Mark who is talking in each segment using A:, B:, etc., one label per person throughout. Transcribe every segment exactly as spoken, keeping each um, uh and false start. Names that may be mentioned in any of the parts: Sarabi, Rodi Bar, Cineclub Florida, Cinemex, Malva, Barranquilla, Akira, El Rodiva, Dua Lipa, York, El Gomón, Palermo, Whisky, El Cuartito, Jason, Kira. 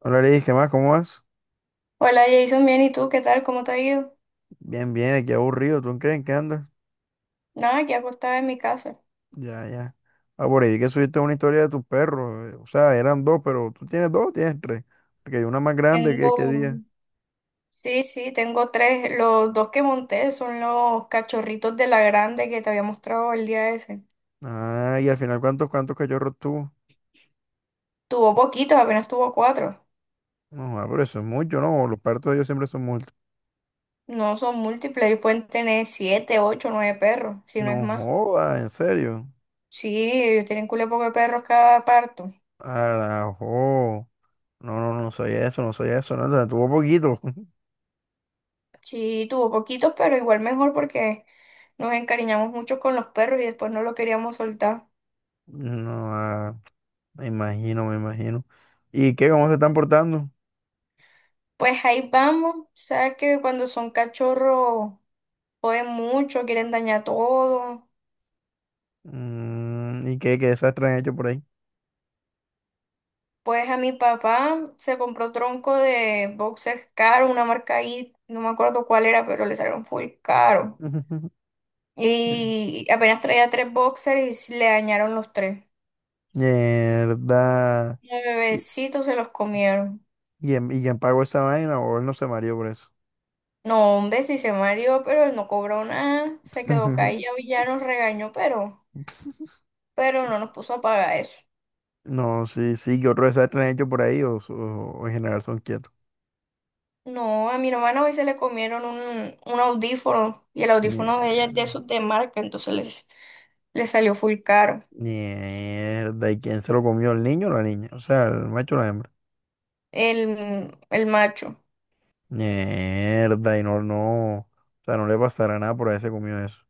A: Hola, le ¿qué más? ¿Cómo vas?
B: Hola Jason, bien, ¿y tú qué tal? ¿Cómo te ha ido?
A: Bien, bien, aquí aburrido. ¿Tú en qué, en qué andas?
B: Nada, aquí acostada en mi casa.
A: Ya, ya. Ah, por ahí vi que subiste una historia de tus perros. eh, O sea, eran dos, pero tú tienes dos, o tienes tres. Porque hay una más grande que
B: Tengo,
A: qué día.
B: sí, sí, tengo tres. Los dos que monté son los cachorritos de la grande que te había mostrado el día ese.
A: Ah, y al final, ¿cuántos, cuántos cachorros tuvo?
B: Tuvo poquitos, apenas tuvo cuatro.
A: No, joda, pero eso es mucho, ¿no? Los partos de ellos siempre son muchos.
B: No son múltiples, ellos pueden tener siete, ocho, nueve perros, si no es
A: No
B: más.
A: joda, en serio.
B: Sí, ellos tienen culo poco de perros cada parto.
A: Arajo. No, no, no soy eso, no soy eso, no, tuvo poquito.
B: Sí, tuvo poquitos, pero igual mejor porque nos encariñamos mucho con los perros y después no lo queríamos soltar.
A: No, ah, me imagino, me imagino. ¿Y qué? ¿Cómo se están portando?
B: Pues ahí vamos. Sabes que cuando son cachorros joden mucho, quieren dañar todo.
A: Mm, ¿y qué, qué desastre han hecho por ahí?
B: Pues a mi papá se compró tronco de boxers caro, una marca ahí, no me acuerdo cuál era, pero le salieron full caro. Y apenas traía tres boxers y le dañaron los tres.
A: Mierda.
B: Y al
A: ¿Y,
B: bebecito se los comieron.
A: y en- y quién pagó esa vaina o él no se mareó por eso?
B: No, hombre, sí se mareó, pero él no cobró nada. Se quedó callado y ya nos regañó, pero, pero no nos puso a pagar eso.
A: No, sí, sí, ¿qué otro desastre han hecho por ahí o, so- o en general son quietos?
B: No, a mi hermana hoy se le comieron un, un audífono y el audífono de ella es
A: Mierda.
B: de esos de marca, entonces les, le salió full caro
A: Mierda. ¿Y quién se lo comió, el niño o la niña? O sea, el macho o la hembra.
B: el, el macho.
A: Mierda. Y no, no. O sea, no le pasará nada por haberse comido eso.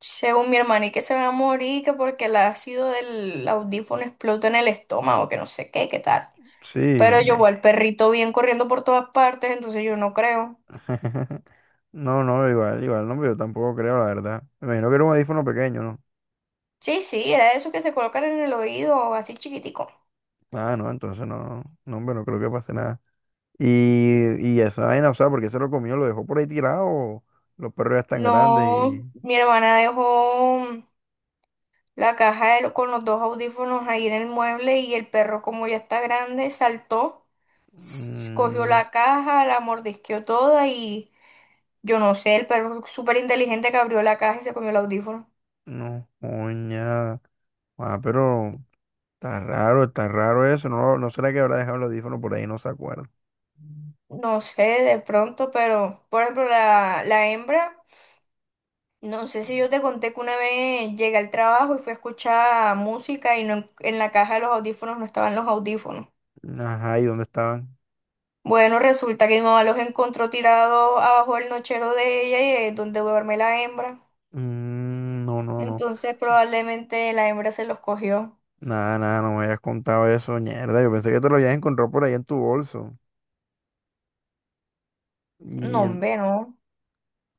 B: Según mi hermana, y que se va a morir, que porque el ácido del audífono explota en el estómago, que no sé qué, qué tal.
A: Sí,
B: Pero yo voy al perrito bien corriendo por todas partes, entonces yo no creo.
A: no, no, igual, igual, no, hombre, yo tampoco creo, la verdad. Me imagino que era un audífono pequeño, ¿no?
B: Sí, sí, era de esos que se colocan en el oído, así chiquitico.
A: Ah, no, entonces no, no, no, hombre, no creo que pase nada. Y, y esa vaina, o sea, porque se lo comió, lo dejó por ahí tirado, los perros ya están grandes
B: No,
A: y...
B: mi hermana dejó. La caja de lo- con los dos audífonos ahí en el mueble y el perro, como ya está grande, saltó, s- cogió
A: Mm,
B: la caja, la mordisqueó toda y yo no sé, el perro súper inteligente que abrió la caja y se comió el audífono.
A: no, coña. Ah, pero está raro, está raro eso, no, no será que habrá dejado el audífono por ahí, no se acuerda.
B: No sé, de pronto, pero por ejemplo, la, la hembra, no sé si yo te conté que una vez llegué al trabajo y fui a escuchar música y no, en en la caja de los audífonos no estaban los audífonos.
A: Ajá, ¿y dónde estaban?
B: Bueno, resulta que mi mamá los encontró tirados abajo del nochero de ella y es donde duerme la hembra.
A: Mm, no, no, no.
B: Entonces probablemente la hembra se los cogió.
A: Nada, nada, no me habías contado eso, mierda. Yo pensé que te lo habías encontrado por ahí en tu bolso.
B: No,
A: Y en-
B: hombre, no.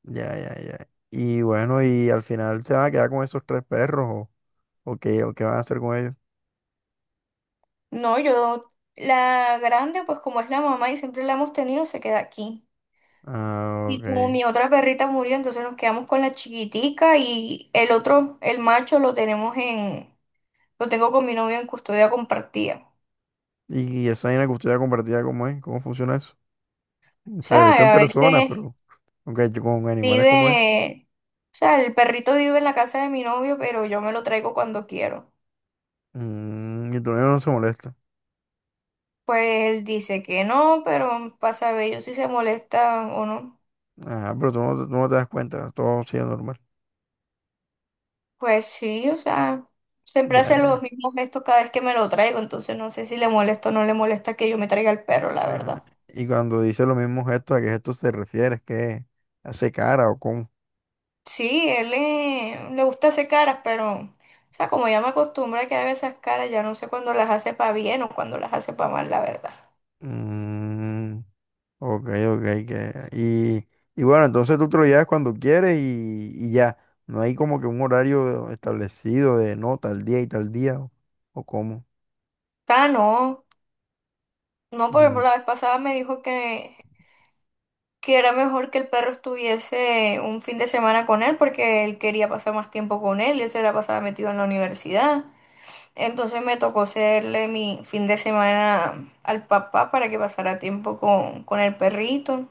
A: ya, ya, ya. Y bueno, y al final se van a quedar con esos tres perros o, o qué, o qué van a hacer con ellos.
B: No, yo, la grande, pues como es la mamá y siempre la hemos tenido, se queda aquí.
A: Ah,
B: Y como
A: ok.
B: mi otra perrita murió, entonces nos quedamos con la chiquitica y el otro, el macho, lo tenemos en, lo tengo con mi novio en custodia compartida.
A: Y, esa vaina de custodia compartida, ¿cómo es? ¿Cómo funciona eso? O
B: O
A: sea, yo lo he visto en
B: sea, a veces
A: personas, pero aunque yo con animales, ¿cómo es?
B: vive, o sea, el perrito vive en la casa de mi novio, pero yo me lo traigo cuando quiero.
A: Mm, y tu niño no se molesta.
B: Pues él dice que no, pero pasa a ver yo si se molesta o no.
A: Ah, pero tú no, tú no te das cuenta, todo sigue normal.
B: Pues sí, o sea, siempre
A: Ya,
B: hace los
A: ya.
B: mismos gestos cada vez que me lo traigo, entonces no sé si le molesta o no le molesta que yo me traiga el perro, la
A: Ah,
B: verdad.
A: y cuando dice los mismos gestos, ¿a qué gestos se refiere? ¿Es que hace cara o cómo?
B: Sí, él le, le gusta hacer caras, pero, o sea, como ya me acostumbra a que haga esas caras, ya no sé cuándo las hace para bien o cuando las hace para mal, la verdad.
A: Mm, ok, ok. que- Y, y bueno, entonces tú te lo llevas cuando quieres y, y ya. No hay como que un horario establecido de no, tal día y tal día o, o cómo.
B: Ah, no. No, por
A: Mm,
B: ejemplo, la vez pasada me dijo que que era mejor que el perro estuviese un fin de semana con él porque él quería pasar más tiempo con él y él se la pasaba metido en la universidad. Entonces me tocó cederle mi fin de semana al papá para que pasara tiempo con, con el perrito.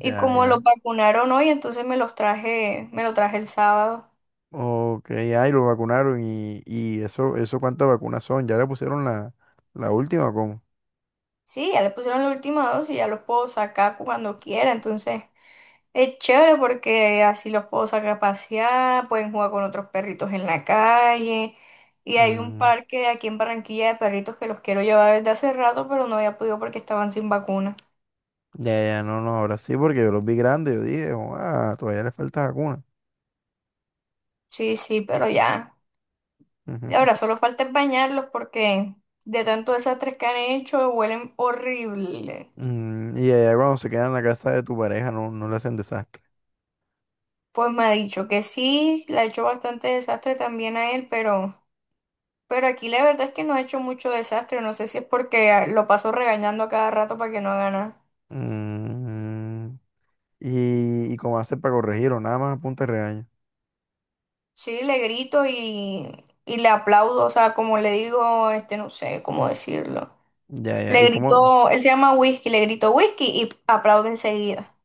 B: Y
A: ya,
B: como lo
A: ya.
B: vacunaron hoy, entonces me los traje, me lo traje el sábado.
A: Ok, ahí lo vacunaron y, y eso, eso cuántas vacunas son. ¿Ya le pusieron la, la última o cómo?
B: Sí, ya le pusieron la última dosis, ya los puedo sacar cuando quiera, entonces es chévere porque así los puedo sacar a pasear, pueden jugar con otros perritos en la calle. Y hay un
A: Mm,
B: parque aquí en Barranquilla de perritos que los quiero llevar desde hace rato, pero no había podido porque estaban sin vacuna.
A: ya, ya, no, no, ahora sí, porque yo los vi grandes, yo dije, ah, todavía le falta vacuna.
B: Sí, sí, pero ya. Y
A: Ujú.
B: ahora solo falta es bañarlos porque de tanto desastres que han hecho huelen horrible.
A: Mm, y allá cuando se quedan en la casa de tu pareja no, no le hacen desastre.
B: Pues me ha dicho que sí, le ha hecho bastante desastre también a él, pero, pero aquí la verdad es que no ha hecho mucho desastre. No sé si es porque ah, lo paso regañando a cada rato para que no haga nada.
A: Mm, y, y cómo haces para corregirlo, nada más apunta y regaño.
B: Sí, le grito y, y le aplaudo, o sea, como le digo, este, no sé cómo decirlo.
A: Ya, ya,
B: Le
A: y cómo,
B: gritó, él se llama Whisky, le gritó Whisky y aplaude enseguida.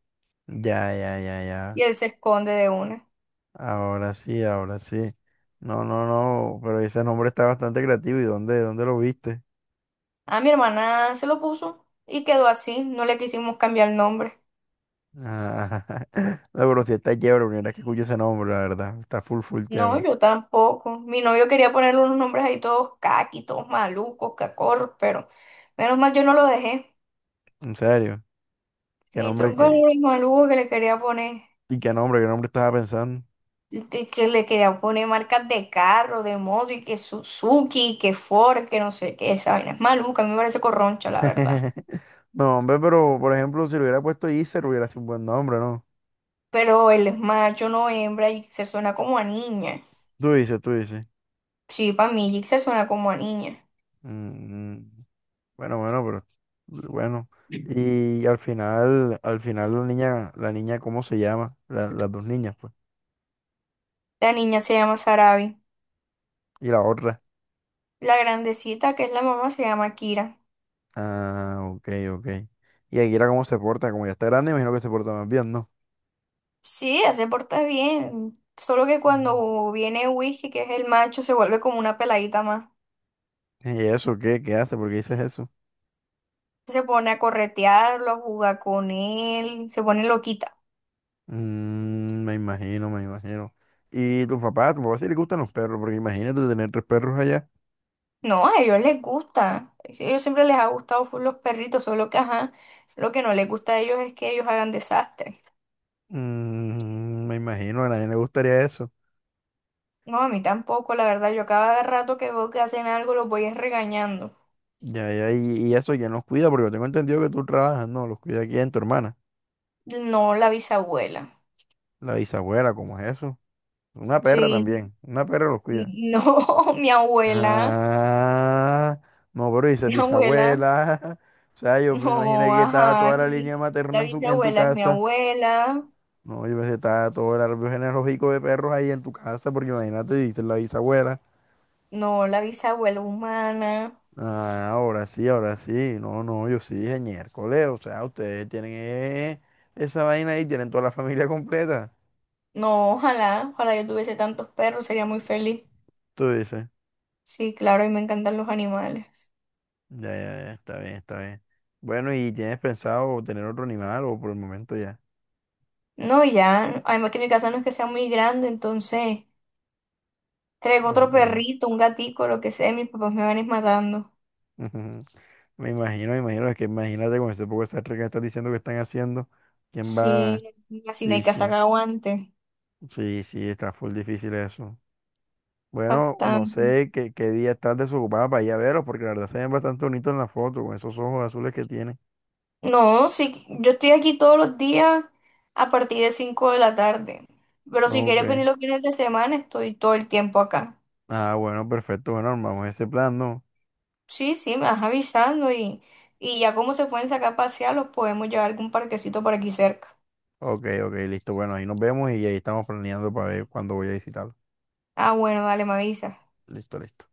A: ya, ya, ya, ya,
B: Y él se esconde de una.
A: ahora sí, ahora sí. No, no, no, pero ese nombre está bastante creativo, ¿y dónde, dónde lo viste?
B: A mi hermana se lo puso y quedó así, no le quisimos cambiar el nombre.
A: Ah, no, pero sí está chévere, primera vez que escucho ese nombre, la verdad, está full, full
B: No,
A: chévere.
B: yo tampoco. Mi novio quería ponerle unos nombres ahí todos caqui, todos malucos, cacorros, pero menos mal yo no lo dejé.
A: En serio, qué
B: Y
A: nombre,
B: tronco el
A: que
B: nombre maluco que le quería poner.
A: ¿Y qué nombre? ¿Qué nombre estaba pensando?
B: Y que, que le querían poner marcas de carro, de moto, y que Suzuki, que Ford, que no sé qué, esa vaina es maluca, a mí me parece corroncha, la verdad.
A: No, hombre, pero por ejemplo, si le hubiera puesto Iser, hubiera sido un buen nombre, ¿no?
B: Pero él es macho, no hembra, y se suena como a niña.
A: Tú dices, tú dices.
B: Sí, para mí Jixer suena como a niña.
A: Mm, bueno, bueno, pero bueno. Y al final, al final la niña, la niña, ¿cómo se llama? La- las dos niñas, pues.
B: La niña se llama Sarabi.
A: Y la otra.
B: La grandecita, que es la mamá, se llama Kira.
A: Ah, ok, ok. Y Akira, ¿cómo se porta? Como ya está grande, imagino que se porta más bien, ¿no?
B: Sí, ella se porta bien. Solo que
A: Mm.
B: cuando viene Whisky, que es el macho, se vuelve como una peladita más.
A: ¿Y eso qué? ¿Qué hace? ¿Por qué dices eso?
B: Se pone a corretearlo, a jugar con él, se pone loquita.
A: Mm, me imagino, me imagino. ¿Y tu papá? ¿Tu papá sí le gustan los perros? Porque imagínate tener tres perros allá.
B: No, a ellos les gusta. A ellos siempre les ha gustado full los perritos, solo que ajá, lo que no les gusta a ellos es que ellos hagan desastre.
A: Mm, me imagino, a nadie le gustaría eso.
B: No, a mí tampoco, la verdad, yo cada rato que veo que hacen algo los voy es regañando.
A: Ya, ya, y, y eso, ¿quién los cuida? Porque yo tengo entendido que tú trabajas, no, los cuida aquí en tu hermana,
B: No, la bisabuela.
A: la bisabuela, ¿cómo es eso? Una perra
B: Sí,
A: también, una perra los cuida.
B: no, mi abuela,
A: Ah, no, pero dices
B: mi abuela,
A: bisabuela. O sea, yo me imaginé
B: no,
A: que estaba
B: ajá,
A: toda la línea
B: mi- la
A: materna en su, en tu
B: bisabuela es mi
A: casa.
B: abuela,
A: No, yo pensé que estaba todo el árbol genealógico de perros ahí en tu casa, porque imagínate, dice la bisabuela.
B: no, la bisabuela humana,
A: Ah, ahora sí, ahora sí. No, no, yo sí dije miércoles. O sea, ustedes tienen eh, esa vaina ahí, tienen toda la familia completa.
B: no, ojalá, ojalá yo tuviese tantos perros, sería muy feliz.
A: Tú dices,
B: Sí, claro, y me encantan los animales.
A: ya, ya, ya, está bien, está bien. Bueno, ¿y tienes pensado tener otro animal o por el momento ya?
B: No, ya, además que mi casa no es que sea muy grande, entonces traigo otro
A: Ok.
B: perrito, un gatico, lo que sea, y mis papás me van a ir matando.
A: Ujú. Me imagino, me imagino, es que imagínate con ese poco de Star que estás diciendo que están haciendo. ¿Quién
B: Sí,
A: va?
B: así no
A: Sí,
B: hay casa que
A: sí,
B: aguante.
A: sí, sí, está full difícil eso. Bueno, no
B: Bastante.
A: sé qué, qué día estás desocupada para ir a veros, porque la verdad se ven bastante bonitos en la foto, con esos ojos azules que tiene.
B: No, sí, yo estoy aquí todos los días a partir de cinco de la tarde, pero si quieres
A: Ok.
B: venir los fines de semana, estoy todo el tiempo acá.
A: Ah, bueno, perfecto. Bueno, armamos ese plan, ¿no?
B: Sí, sí, me vas avisando y, y ya como se pueden sacar a pasear, los podemos llevar a algún parquecito por aquí cerca.
A: Ok, ok, listo. Bueno, ahí nos vemos y ahí estamos planeando para ver cuándo voy a visitarlo.
B: Ah, bueno, dale, me avisa.
A: Listo, listo.